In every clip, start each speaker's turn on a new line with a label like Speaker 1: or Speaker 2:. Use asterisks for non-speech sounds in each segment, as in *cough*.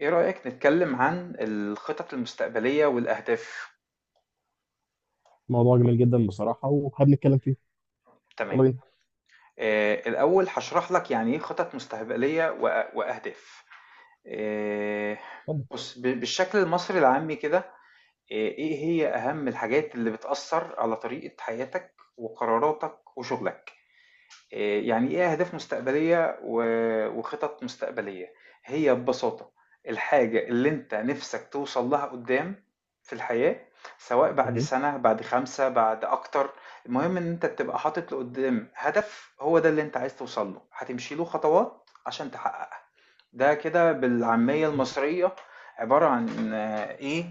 Speaker 1: إيه رأيك نتكلم عن الخطط المستقبلية والأهداف؟
Speaker 2: موضوع جميل جدا بصراحة وحابب نتكلم فيه. يلا
Speaker 1: تمام.
Speaker 2: بينا.
Speaker 1: الأول هاشرح لك يعني إيه خطط مستقبلية وأ وأهداف. آآ
Speaker 2: اتفضل.
Speaker 1: بُص، بالشكل المصري العامي كده، إيه هي أهم الحاجات اللي بتأثّر على طريقة حياتك وقراراتك وشغلك؟ يعني إيه أهداف مستقبلية و- وخطط مستقبلية؟ هي ببساطة الحاجة اللي أنت نفسك توصل لها قدام في الحياة، سواء بعد
Speaker 2: مهم.
Speaker 1: سنة بعد 5 بعد أكتر. المهم إن أنت تبقى حاطط لقدام هدف هو ده اللي أنت عايز توصل له، هتمشي له خطوات عشان تحققها. ده كده بالعامية المصرية عبارة عن إيه،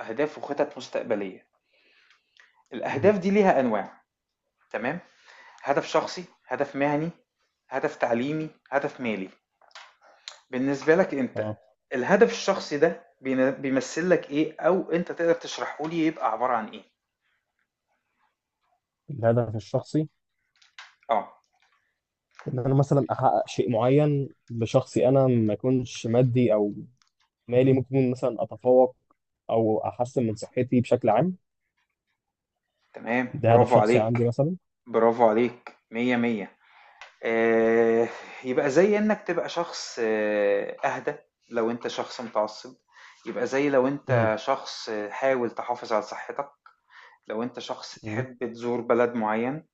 Speaker 1: أهداف وخطط مستقبلية.
Speaker 2: مهم.
Speaker 1: الأهداف دي ليها أنواع. تمام. هدف شخصي، هدف مهني، هدف تعليمي، هدف مالي. بالنسبة لك انت،
Speaker 2: اه،
Speaker 1: الهدف الشخصي ده بيمثل لك ايه، او انت تقدر تشرحه لي يبقى عبارة عن ايه؟
Speaker 2: الهدف الشخصي.
Speaker 1: اه.
Speaker 2: ان انا مثلا احقق شيء معين بشخصي انا، ما يكونش مادي او مالي، ممكن يكون مثلا اتفوق او احسن من صحتي بشكل عام.
Speaker 1: تمام،
Speaker 2: ده هدف
Speaker 1: برافو
Speaker 2: شخصي
Speaker 1: عليك.
Speaker 2: عندي مثلا.
Speaker 1: برافو عليك، مية مية. آه، يبقى زي انك تبقى شخص اهدى لو انت شخص متعصب، يبقى زي لو
Speaker 2: مهم.
Speaker 1: انت شخص حاول تحافظ على صحتك، لو انت شخص
Speaker 2: مهم.
Speaker 1: تحب تزور بلد معين،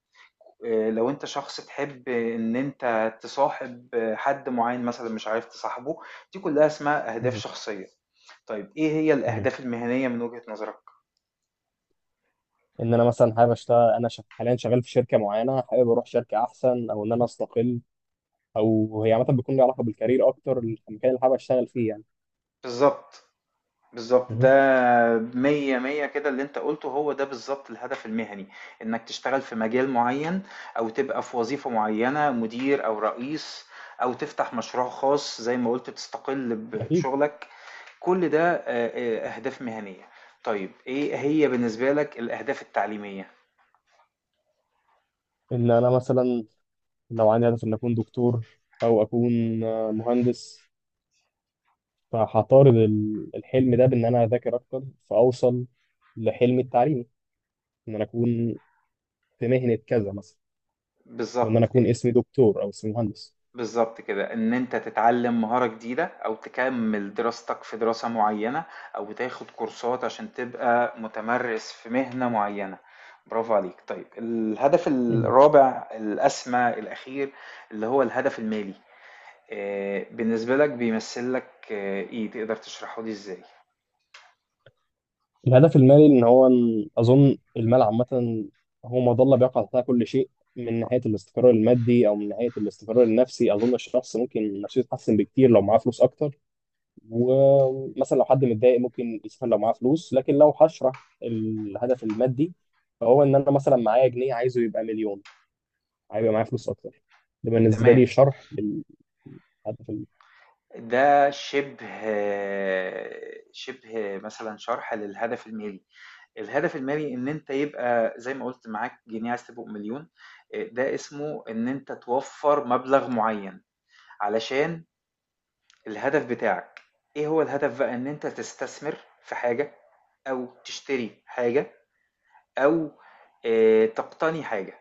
Speaker 1: لو انت شخص تحب ان انت تصاحب حد معين مثلا مش عارف تصاحبه. دي كلها اسمها اهداف
Speaker 2: مهم.
Speaker 1: شخصية. طيب ايه هي
Speaker 2: مهم.
Speaker 1: الاهداف المهنية من وجهة نظرك؟
Speaker 2: ان انا مثلا حابب اشتغل، انا حاليا شغال في شركه معينه، حابب اروح شركه احسن او ان انا استقل، او هي عامه بيكون لي علاقه بالكارير اكتر، المكان اللي حابب اشتغل فيه يعني.
Speaker 1: بالظبط. بالظبط ده،
Speaker 2: مهم.
Speaker 1: مية مية كده اللي انت قلته هو ده بالظبط الهدف المهني، انك تشتغل في مجال معين او تبقى في وظيفة معينة مدير او رئيس، او تفتح مشروع خاص زي ما قلت تستقل
Speaker 2: اكيد.
Speaker 1: بشغلك. كل ده أهداف مهنية. طيب إيه هي بالنسبة لك الأهداف التعليمية؟
Speaker 2: ان انا مثلا لو عندي هدف إن أكون دكتور أو أكون مهندس، فهطارد الحلم ده بإن أنا أذاكر أكتر، فأوصل لحلمي التعليمي، إن أنا أكون في مهنة كذا مثلا، وإن
Speaker 1: بالضبط،
Speaker 2: أنا أكون اسمي دكتور أو اسمي مهندس.
Speaker 1: بالضبط كده، إن أنت تتعلّم مهارة جديدة أو تكمّل دراستك في دراسة معيّنة، أو تاخد كورسات عشان تبقى متمرِّس في مهنة معيّنة. برافو عليك. طيب الهدف
Speaker 2: مهم.
Speaker 1: الرابع الأسمى الأخير اللي هو الهدف المالي، بالنسبة لك بيمثّل لك آه، إيه، تقدر تشرحه لي إزاي؟
Speaker 2: الهدف المالي، إن هو، إن أظن المال عامة هو مظلة بيقع تحتها كل شيء، من ناحية الاستقرار المادي أو من ناحية الاستقرار النفسي. أظن الشخص ممكن نفسيته تتحسن بكتير لو معاه فلوس أكتر، ومثلا لو حد متضايق ممكن يسافر لو معاه فلوس. لكن لو هشرح الهدف المادي، فهو ان انا مثلا معايا جنيه عايزه يبقى مليون، هيبقى معايا فلوس اكتر. ده بالنسبه
Speaker 1: تمام.
Speaker 2: لي شرح للهدف ال-
Speaker 1: ده شبه شبه مثلا شرح للهدف المالي. الهدف المالي ان انت يبقى زي ما قلت معاك جنيه عايز تبقى مليون. ده اسمه ان انت توفر مبلغ معين علشان الهدف بتاعك. ايه هو الهدف بقى؟ ان انت تستثمر في حاجة، او تشتري حاجة، او تقتني حاجة.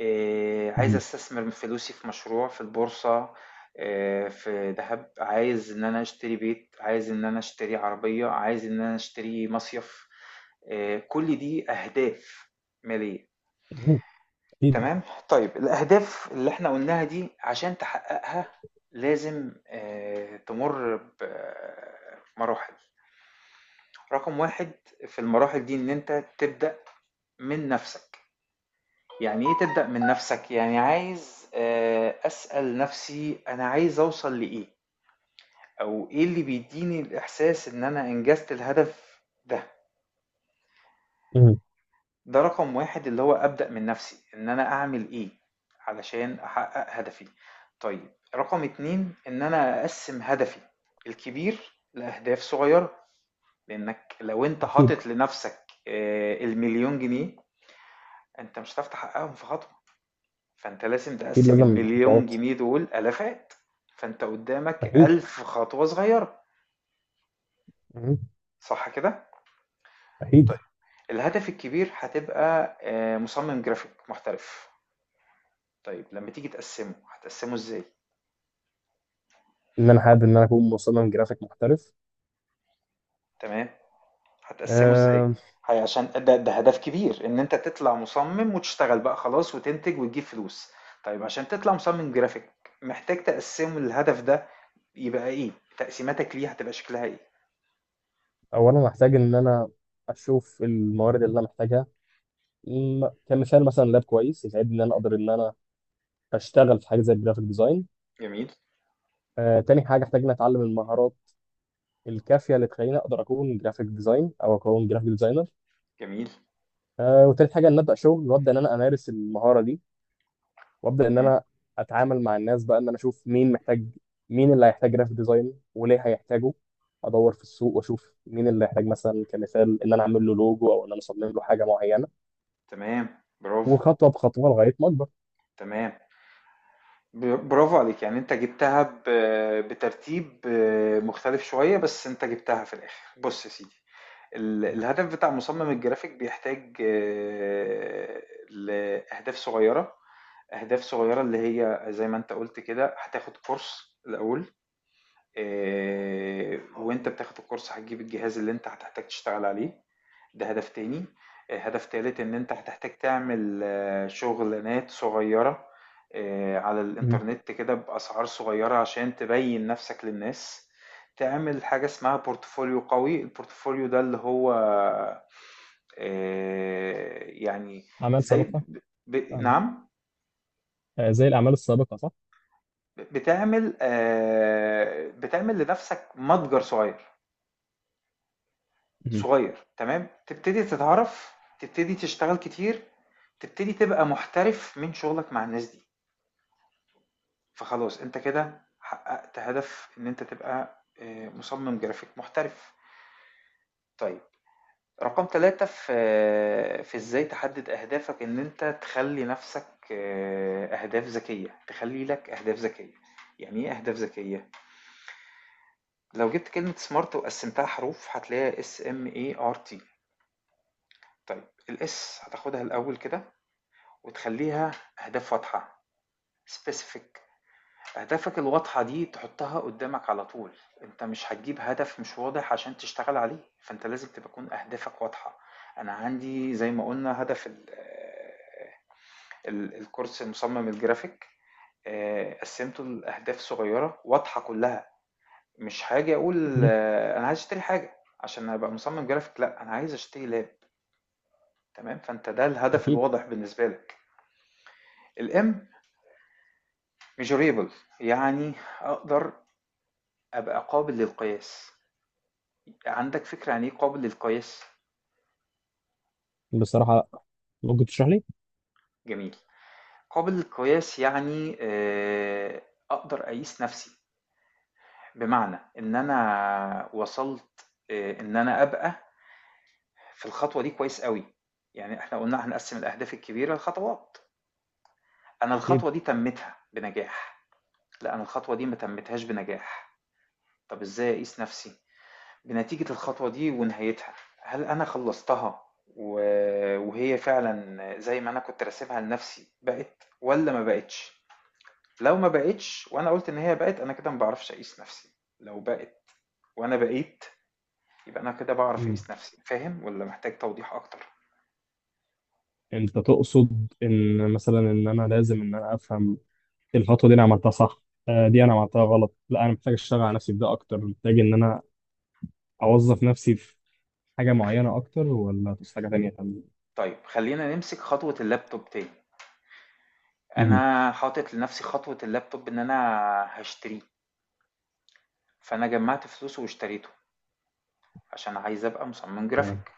Speaker 1: عايز
Speaker 2: مهم.
Speaker 1: أستثمر فلوسي في مشروع، في البورصة، في دهب، عايز إن أنا أشتري بيت، عايز إن أنا أشتري عربية، عايز إن أنا أشتري مصيف، كل دي أهداف مالية.
Speaker 2: مهم. اكيد.
Speaker 1: تمام؟ طيب الأهداف اللي إحنا قُلناها دي عشان تحققها لازم تمُر بمراحل. رقم 1 في المراحل دي إن أنت تبدأ من نَفْسك. يعني إيه تبدأ من نفسك؟ يعني عايز أسأل نفسي أنا عايز أوصل لإيه؟ أو إيه اللي بيدّيني الإحساس إن أنا أنجزت الهدف ده؟
Speaker 2: مهم.
Speaker 1: ده رقم 1 اللي هو أبدأ من نفسي، إن أنا أعمل إيه علشان أحقق هدفي؟ طيب رقم 2 إن أنا أقسّم هدفي الكبير لأهداف صغيرة، لإنك لو أنت
Speaker 2: اكيد.
Speaker 1: حاطط لنفسك ال1000000 جنيه أنت مش هتعرف تحققهم في خطوة. فانت لازم
Speaker 2: اكيد
Speaker 1: تقسم
Speaker 2: لازم
Speaker 1: المليون
Speaker 2: خطوات.
Speaker 1: جنيه دول الافات. فانت قدامك
Speaker 2: اكيد.
Speaker 1: 1000 خطوه صغيره.
Speaker 2: مهم.
Speaker 1: صح كده؟
Speaker 2: اكيد.
Speaker 1: طيب الهدف الكبير هتبقى مصمم جرافيك محترف. طيب لما تيجي تقسمه هتقسمه ازاي؟
Speaker 2: ان انا حابب ان انا اكون مصمم جرافيك محترف.
Speaker 1: تمام. هتقسمه ازاي؟
Speaker 2: أه،
Speaker 1: هي عشان ده هدف كبير ان انت تطلع مصمم وتشتغل بقى خلاص وتنتج وتجيب فلوس. طيب عشان تطلع مصمم جرافيك محتاج تقسمه الهدف ده، يبقى ايه تقسيماتك ليه هتبقى شكلها ايه؟
Speaker 2: اولا محتاج ان انا اشوف الموارد اللي انا محتاجها، كمثال مثلا لاب كويس يساعدني ان انا اقدر ان انا اشتغل في حاجه زي الجرافيك ديزاين.
Speaker 1: جميل.
Speaker 2: تاني حاجة احتاج إني أتعلم المهارات الكافية اللي تخليني أقدر أكون جرافيك ديزاين أو أكون جرافيك ديزاينر.
Speaker 1: جميل.
Speaker 2: وتالت حاجة إن أبدأ شغل وأبدأ إن أنا أمارس المهارة دي، وأبدأ إن
Speaker 1: مم.
Speaker 2: أنا أتعامل مع الناس بقى، إن أنا أشوف مين محتاج، مين اللي هيحتاج جرافيك ديزاين وليه هيحتاجه. أدور في السوق وأشوف مين اللي هيحتاج، مثلا كمثال إن أنا أعمل له لوجو أو إن أنا أصمم له حاجة معينة.
Speaker 1: تمام. برافو.
Speaker 2: وخطوة بخطوة لغاية ما أكبر.
Speaker 1: تمام. برافو عليك، يعني انت جبتها بترتيب مختلف شوية، بس انت جبتها في الاخر. بص يا سيدي، الهدف بتاع مصمم الجرافيك بيحتاج لأهداف صغيرة. أهداف صغيرة اللي هي زي ما انت قلت كده هتاخد كورس الأول، وانت بتاخد الكورس هتجيب الجهاز اللي انت هتحتاج تشتغل عليه. ده هدف تاني. هدف تالت ان انت هتحتاج تعمل شغلانات صغيرة على
Speaker 2: مهم.
Speaker 1: الانترنت كده بأسعار صغيرة عشان تبين نفسك للناس. تعمل حاجة اسمها بورتفوليو قوي. البورتفوليو ده اللي هو يعني
Speaker 2: أعمال
Speaker 1: زي
Speaker 2: سابقة. فاهمك.
Speaker 1: نعم.
Speaker 2: زي الأعمال السابقة صح؟
Speaker 1: بتعمل بتعمل لنفسك متجر صغير.
Speaker 2: مهم.
Speaker 1: صغير تمام، تبتدي تتعرف، تبتدي تشتغل كتير، تبتدي تبقى محترف من شغلك مع الناس دي. فخلاص أنت كده حققت هدف إن أنت تبقى مصمم جرافيك محترف. طيب رقم 3 في في إزاي تحدد أهدافك، إن أنت تخلّي نفسك أهداف ذكية، تخلّي لك أهداف ذكية. يعني إيه أهداف ذكية؟ لو جبت كلمة smart وقسمتها حروف هتلاقيها SMART. طيب الS هتاخدها الأول كده وتخلّيها أهداف واضحة، specific. أهدافك الواضحة دي تحطها قدامك على طول. أنت مش هتجيب هدف مش واضح عشان تشتغل عليه، فأنت لازم تكون أهدافك واضحة. أنا عندي زي ما قلنا هدف الكورس مصمم الجرافيك، قسمته لأهداف صغيرة واضحة كلها. مش حاجة أقول
Speaker 2: مهم.
Speaker 1: أنا عايز أشتري حاجة عشان أبقى مصمم جرافيك، لأ أنا عايز أشتري لاب. تمام، فأنت ده الهدف
Speaker 2: أكيد.
Speaker 1: الواضح بالنسبة لك. الام. measurable. يعني أقدر أبقى قابل للقياس. عندك فكرة عن إيه قابل للقياس؟
Speaker 2: بصراحة، ممكن تشرح لي؟
Speaker 1: جميل. قابل للقياس يعني أقدر أقيس نفسي، بمعنى إن أنا وصلت، إن أنا أبقى في الخطوة دي كويس قوي. يعني إحنا قلنا هنقسم الأهداف الكبيرة لخطوات. أنا
Speaker 2: أكيد.
Speaker 1: الخطوة دي تمتها بنجاح، لا أنا الخطوة دي ما تمتهاش بنجاح. طب إزاي أقيس نفسي؟ بنتيجة الخطوة دي ونهايتها. هل أنا خلّصتها و وهي فعلًا زي ما أنا كنت راسمها لنفسي بقِت والّا ما بقِتش؟ لو ما بقِتش وأنا قُلت إن هي بقِت، أنا كده ما باعرفش أقيس نفسي. لو بقِت وأنا بقيت، يبقى أنا كده باعرف
Speaker 2: مهم.
Speaker 1: أقيس نفسي. فاهم والّا محتاج توضيح أكتر؟
Speaker 2: انت تقصد ان مثلا ان انا لازم ان انا افهم الخطوه دي، انا عملتها صح، دي انا عملتها غلط، لا انا محتاج اشتغل على نفسي في ده اكتر، محتاج ان انا اوظف نفسي في حاجه معينه اكتر، ولا في حاجه تانيه تانية.
Speaker 1: طيب خلّينا نمسك خطوة اللابتوب تاني.
Speaker 2: مهم.
Speaker 1: أنا حاطط لنفسي خطوة اللابتوب إن أنا هاشتريه، فأنا جمّعت فلوسه واشتريته عشان عايز أبقى مصمم
Speaker 2: تمام.
Speaker 1: جرافيك.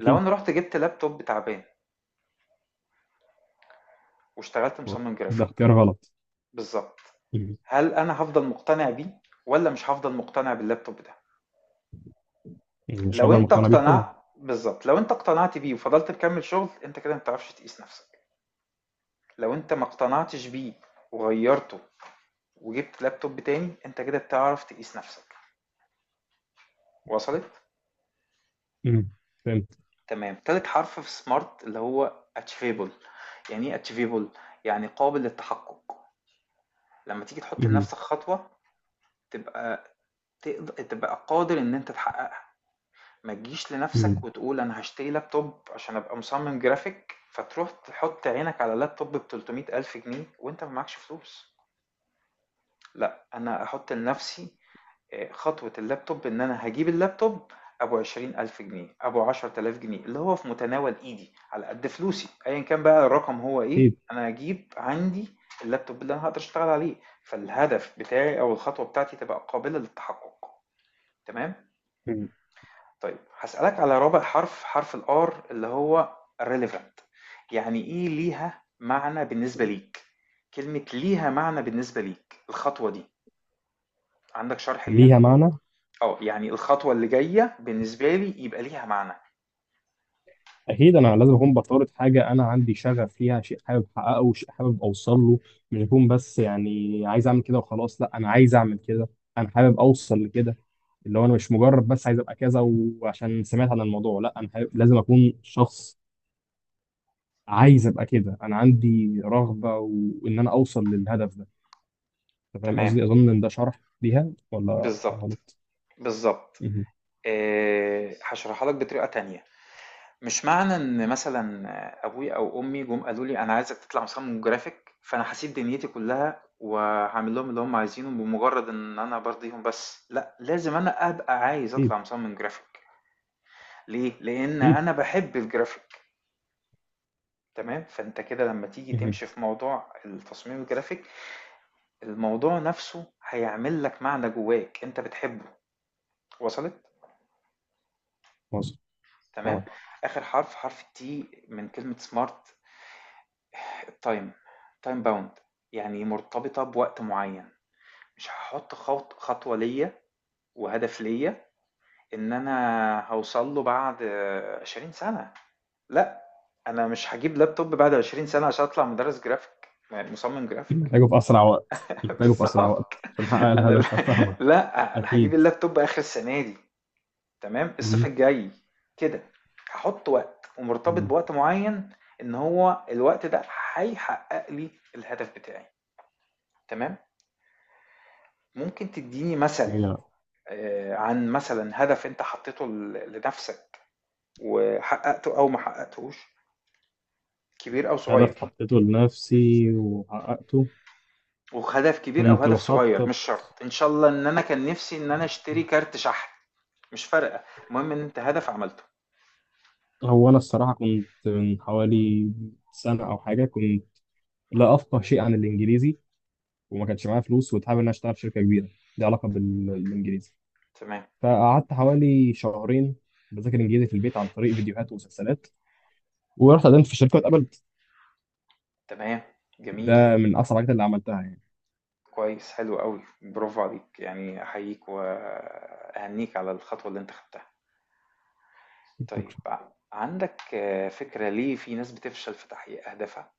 Speaker 1: لو أنا رُحت جِبت لابتوب تعبان واشتغلت مصمم
Speaker 2: ده
Speaker 1: جرافيك،
Speaker 2: اختيار غلط.
Speaker 1: بالظبط.
Speaker 2: مهم.
Speaker 1: هل انا هفضل مقتنع بيه ولا مش هفضل مقتنع باللابتوب ده؟
Speaker 2: مش
Speaker 1: لو
Speaker 2: هفضل
Speaker 1: انت
Speaker 2: مقتنع بيه طبعا.
Speaker 1: اقتنعت، بالظبط، لو انت اقتنعت بيه وفضلت مكمل شغل انت كده ما بتعرفش تقيس نفسك. لو انت ما اقتنعتش بيه وغيرته وجبت لابتوب تاني، انت كده بتعرف تقيس نفسك. وصلت.
Speaker 2: مهم. فهمت.
Speaker 1: تمام. تالت حرف في سمارت اللي هو achievable. يعني ايه achievable؟ يعني قابل للتحقق. لما تيجي تحط
Speaker 2: مهم.
Speaker 1: لنفسك خطوة تبقى تقدر تبقى قادر ان انت تحققها. ما تجيش لنفسك
Speaker 2: مهم.
Speaker 1: وتقول انا هشتري لابتوب عشان ابقى مصمم جرافيك فتروح تحط عينك على لابتوب ب 300 1000 جنيه وانت ما معكش فلوس. لا انا احط لنفسي خطوة اللابتوب ان انا هجيب اللابتوب ابو 20 1000 جنيه ابو 10000 جنيه اللي هو في متناول ايدي على قد فلوسي، ايا كان بقى الرقم هو ايه.
Speaker 2: اكيد.
Speaker 1: انا هجيب عندي اللابتوب اللي انا هقدر اشتغل عليه، فالهدف بتاعي او الخطوة بتاعتي تبقى قابلة للتحقق. تمام.
Speaker 2: مهم.
Speaker 1: طيب هاسألك على رابع حرف، حرف الآر اللي هو relevant. يعني إيه ليها معنى بالنسبة ليك، كلمة ليها معنى بالنسبة ليك الخطوة دي. عندك شرح ليها؟
Speaker 2: ليها معنى.
Speaker 1: اه، يعني الخطوة اللي جاية بالنسبة لي يبقى ليها معنى.
Speaker 2: اكيد انا لازم اكون بطارد حاجه انا عندي شغف ليها، شيء حابب احققه، شيء حابب اوصل له، مش اكون بس يعني عايز اعمل كده وخلاص. لا انا عايز اعمل كده، انا حابب اوصل لكده، اللي هو انا مش مجرد بس عايز ابقى كذا وعشان سمعت عن الموضوع. لا انا حابب، لازم اكون شخص عايز ابقى كده، انا عندي رغبه وان انا اوصل للهدف ده. انت فاهم
Speaker 1: تمام.
Speaker 2: قصدي؟ اظن ان ده شرح ليها ولا
Speaker 1: بالظبط.
Speaker 2: غلط؟
Speaker 1: بالظبط.
Speaker 2: مهم.
Speaker 1: هشرحها لك بطريقة تانية. مش معنى إن مثلًا أبويا أو أمي جُم قالوا لي أنا عايزك تطلع مصمم جرافيك، فأنا هاسيب دنيتي كلّها وهاعمل لهم اللي هُم عايزينه بمجرد إن أنا بارضيهم بس، لأ، لازم أنا أبقى عايز
Speaker 2: اكيد.
Speaker 1: أطلع مصمم جرافيك. ليه؟ لإن
Speaker 2: اكيد.
Speaker 1: أنا باحب الجرافيك. تمام، فأنت كده لمّا تيجي
Speaker 2: مهم.
Speaker 1: تمشي في موضوع التصميم الجرافيك، الموضوع نَفْسه هيعمل لك معنى جواك أنت بتحبه. وصلِت؟
Speaker 2: مظبوط.
Speaker 1: تمام.
Speaker 2: فاهمك.
Speaker 1: آخر حرف، حرف الT من كلمة smart. التايم. تايم باوند. يعني مرتبطة بوقت معين. مش هحط خط خطوة ليا وهدف ليا ان انا هوصل له بعد 20 سنة. لا، انا مش هجيب لابتوب بعد 20 سنة عشان اطلع مدرس جرافيك يعني مصمم جرافيك.
Speaker 2: محتاجه في اسرع وقت،
Speaker 1: *laughs*
Speaker 2: محتاجه في اسرع وقت،
Speaker 1: بالظبط.
Speaker 2: عشان احقق
Speaker 1: انا لا,
Speaker 2: الهدف، فاهمك.
Speaker 1: لا انا هجيب
Speaker 2: أكيد.
Speaker 1: اللابتوب اخر السنة دي. تمام، الصيف
Speaker 2: مم.
Speaker 1: الجاي كده. هحط وقت ومرتبط
Speaker 2: مم.
Speaker 1: بوقت معين، ان هو الوقت ده هيحقق لي الهدف بتاعي. تمام. ممكن تديني مثل
Speaker 2: يعني
Speaker 1: عن مثلا هدف انت حطيته لنفسك وحققته او ما حققتهوش، كبير او
Speaker 2: هدف
Speaker 1: صغير؟
Speaker 2: حطيته لنفسي وحققته.
Speaker 1: وهدف كبير او
Speaker 2: كنت
Speaker 1: هدف صغير
Speaker 2: بخطط.
Speaker 1: مش شرط، ان شاء الله. ان انا كان نفسي ان انا اشتري كارت شحن. مش فارقه، المهم ان انت هدف عملته.
Speaker 2: هو أنا الصراحة كنت من حوالي سنة أو حاجة، كنت لا أفقه شيء عن الإنجليزي، وما كانش معايا فلوس، وكنت حابب إن أنا أشتغل في شركة كبيرة ليها علاقة بالإنجليزي.
Speaker 1: تمام.
Speaker 2: فقعدت حوالي شهرين بذاكر إنجليزي في البيت عن طريق فيديوهات ومسلسلات، ورحت قدمت في الشركة واتقبلت.
Speaker 1: تمام، جميل.
Speaker 2: ده من أسرع الحاجات اللي عملتها يعني.
Speaker 1: كويس، حلو قوي، برافو عليك، يعني احييك واهنيك على الخطوه اللي انت خدتها. طيب عندك فكره ليه في ناس بتفشل في تحقيق اهدافها؟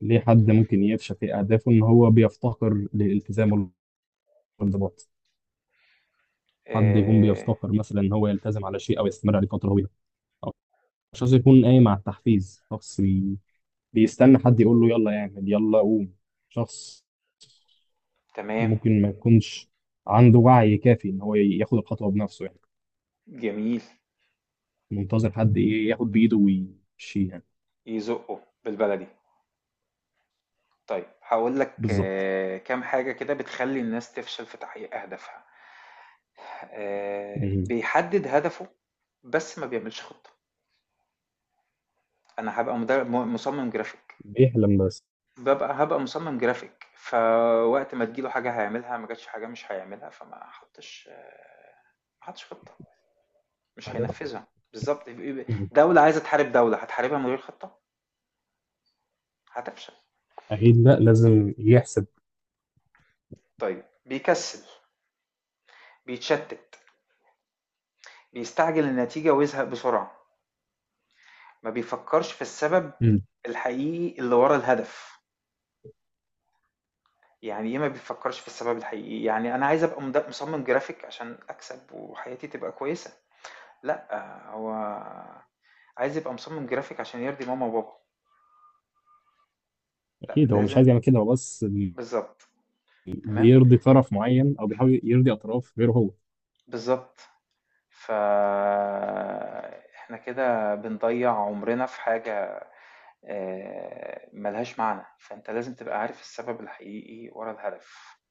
Speaker 2: ليه حد ممكن يفشل في أهدافه؟ إن هو بيفتقر للالتزام والانضباط. حد يكون
Speaker 1: آه،
Speaker 2: بيفتقر مثلا ان هو يلتزم على شيء او يستمر عليه فتره طويله، او شخص يكون قايم على التحفيز، شخص بيستنى حد يقول له يلا اعمل يلا قوم. شخص
Speaker 1: تمام.
Speaker 2: ممكن ما يكونش عنده وعي كافي ان هو ياخد الخطوه بنفسه يعني،
Speaker 1: جميل.
Speaker 2: منتظر حد ايه، ياخد بايده ويمشي يعني.
Speaker 1: يزقه بالبلدي. طيب هاقول لك
Speaker 2: بالظبط.
Speaker 1: كام حاجة كده بتخلّي الناس تفشل في تحقيق أهدافها.
Speaker 2: مم.
Speaker 1: بيحدد هدفه بس ما بيعملش خطة. أنا هابقى مد م مصمم graphic،
Speaker 2: بيحلم بس.
Speaker 1: هابقى مصمم graphic، فوقت ما تيجي له حاجة هيعملها، ما جاتش حاجة مش هيعملها. فما حطش آه، ما حطش خطة، مش
Speaker 2: هذا.
Speaker 1: هينفذها. بالضبط. ب ب
Speaker 2: مم.
Speaker 1: دولة عايزة تحارب دولة، هتحاربها من غير خطة؟ هتفشل.
Speaker 2: اكيد لا، لازم يحسب.
Speaker 1: طيب بيكسل، بيتشتت. بيستعجل النتيجة ويزهق بسرعة. ما بيفكرش في السبب
Speaker 2: مم.
Speaker 1: الحقيقي اللي ورا الهدف. يعني ايه ما بيفكرش في السبب الحقيقي؟ يعني انا عايز ابقى مصمم جرافيك عشان اكسب وحياتي تبقى كويسة. لا هو عايز يبقى مصمم جرافيك عشان يرضي ماما وبابا. لا
Speaker 2: اكيد هو مش
Speaker 1: لازم.
Speaker 2: عايز يعمل كده، هو بس
Speaker 1: بالظبط. تمام.
Speaker 2: بيرضي طرف معين او بيحاول يرضي اطراف غيره هو.
Speaker 1: بالظبط. ف احنا كده بنضيع عمرنا في حاجة ملهاش معنى. فانت لازم تبقى عارف السبب الحقيقي ورا الهدف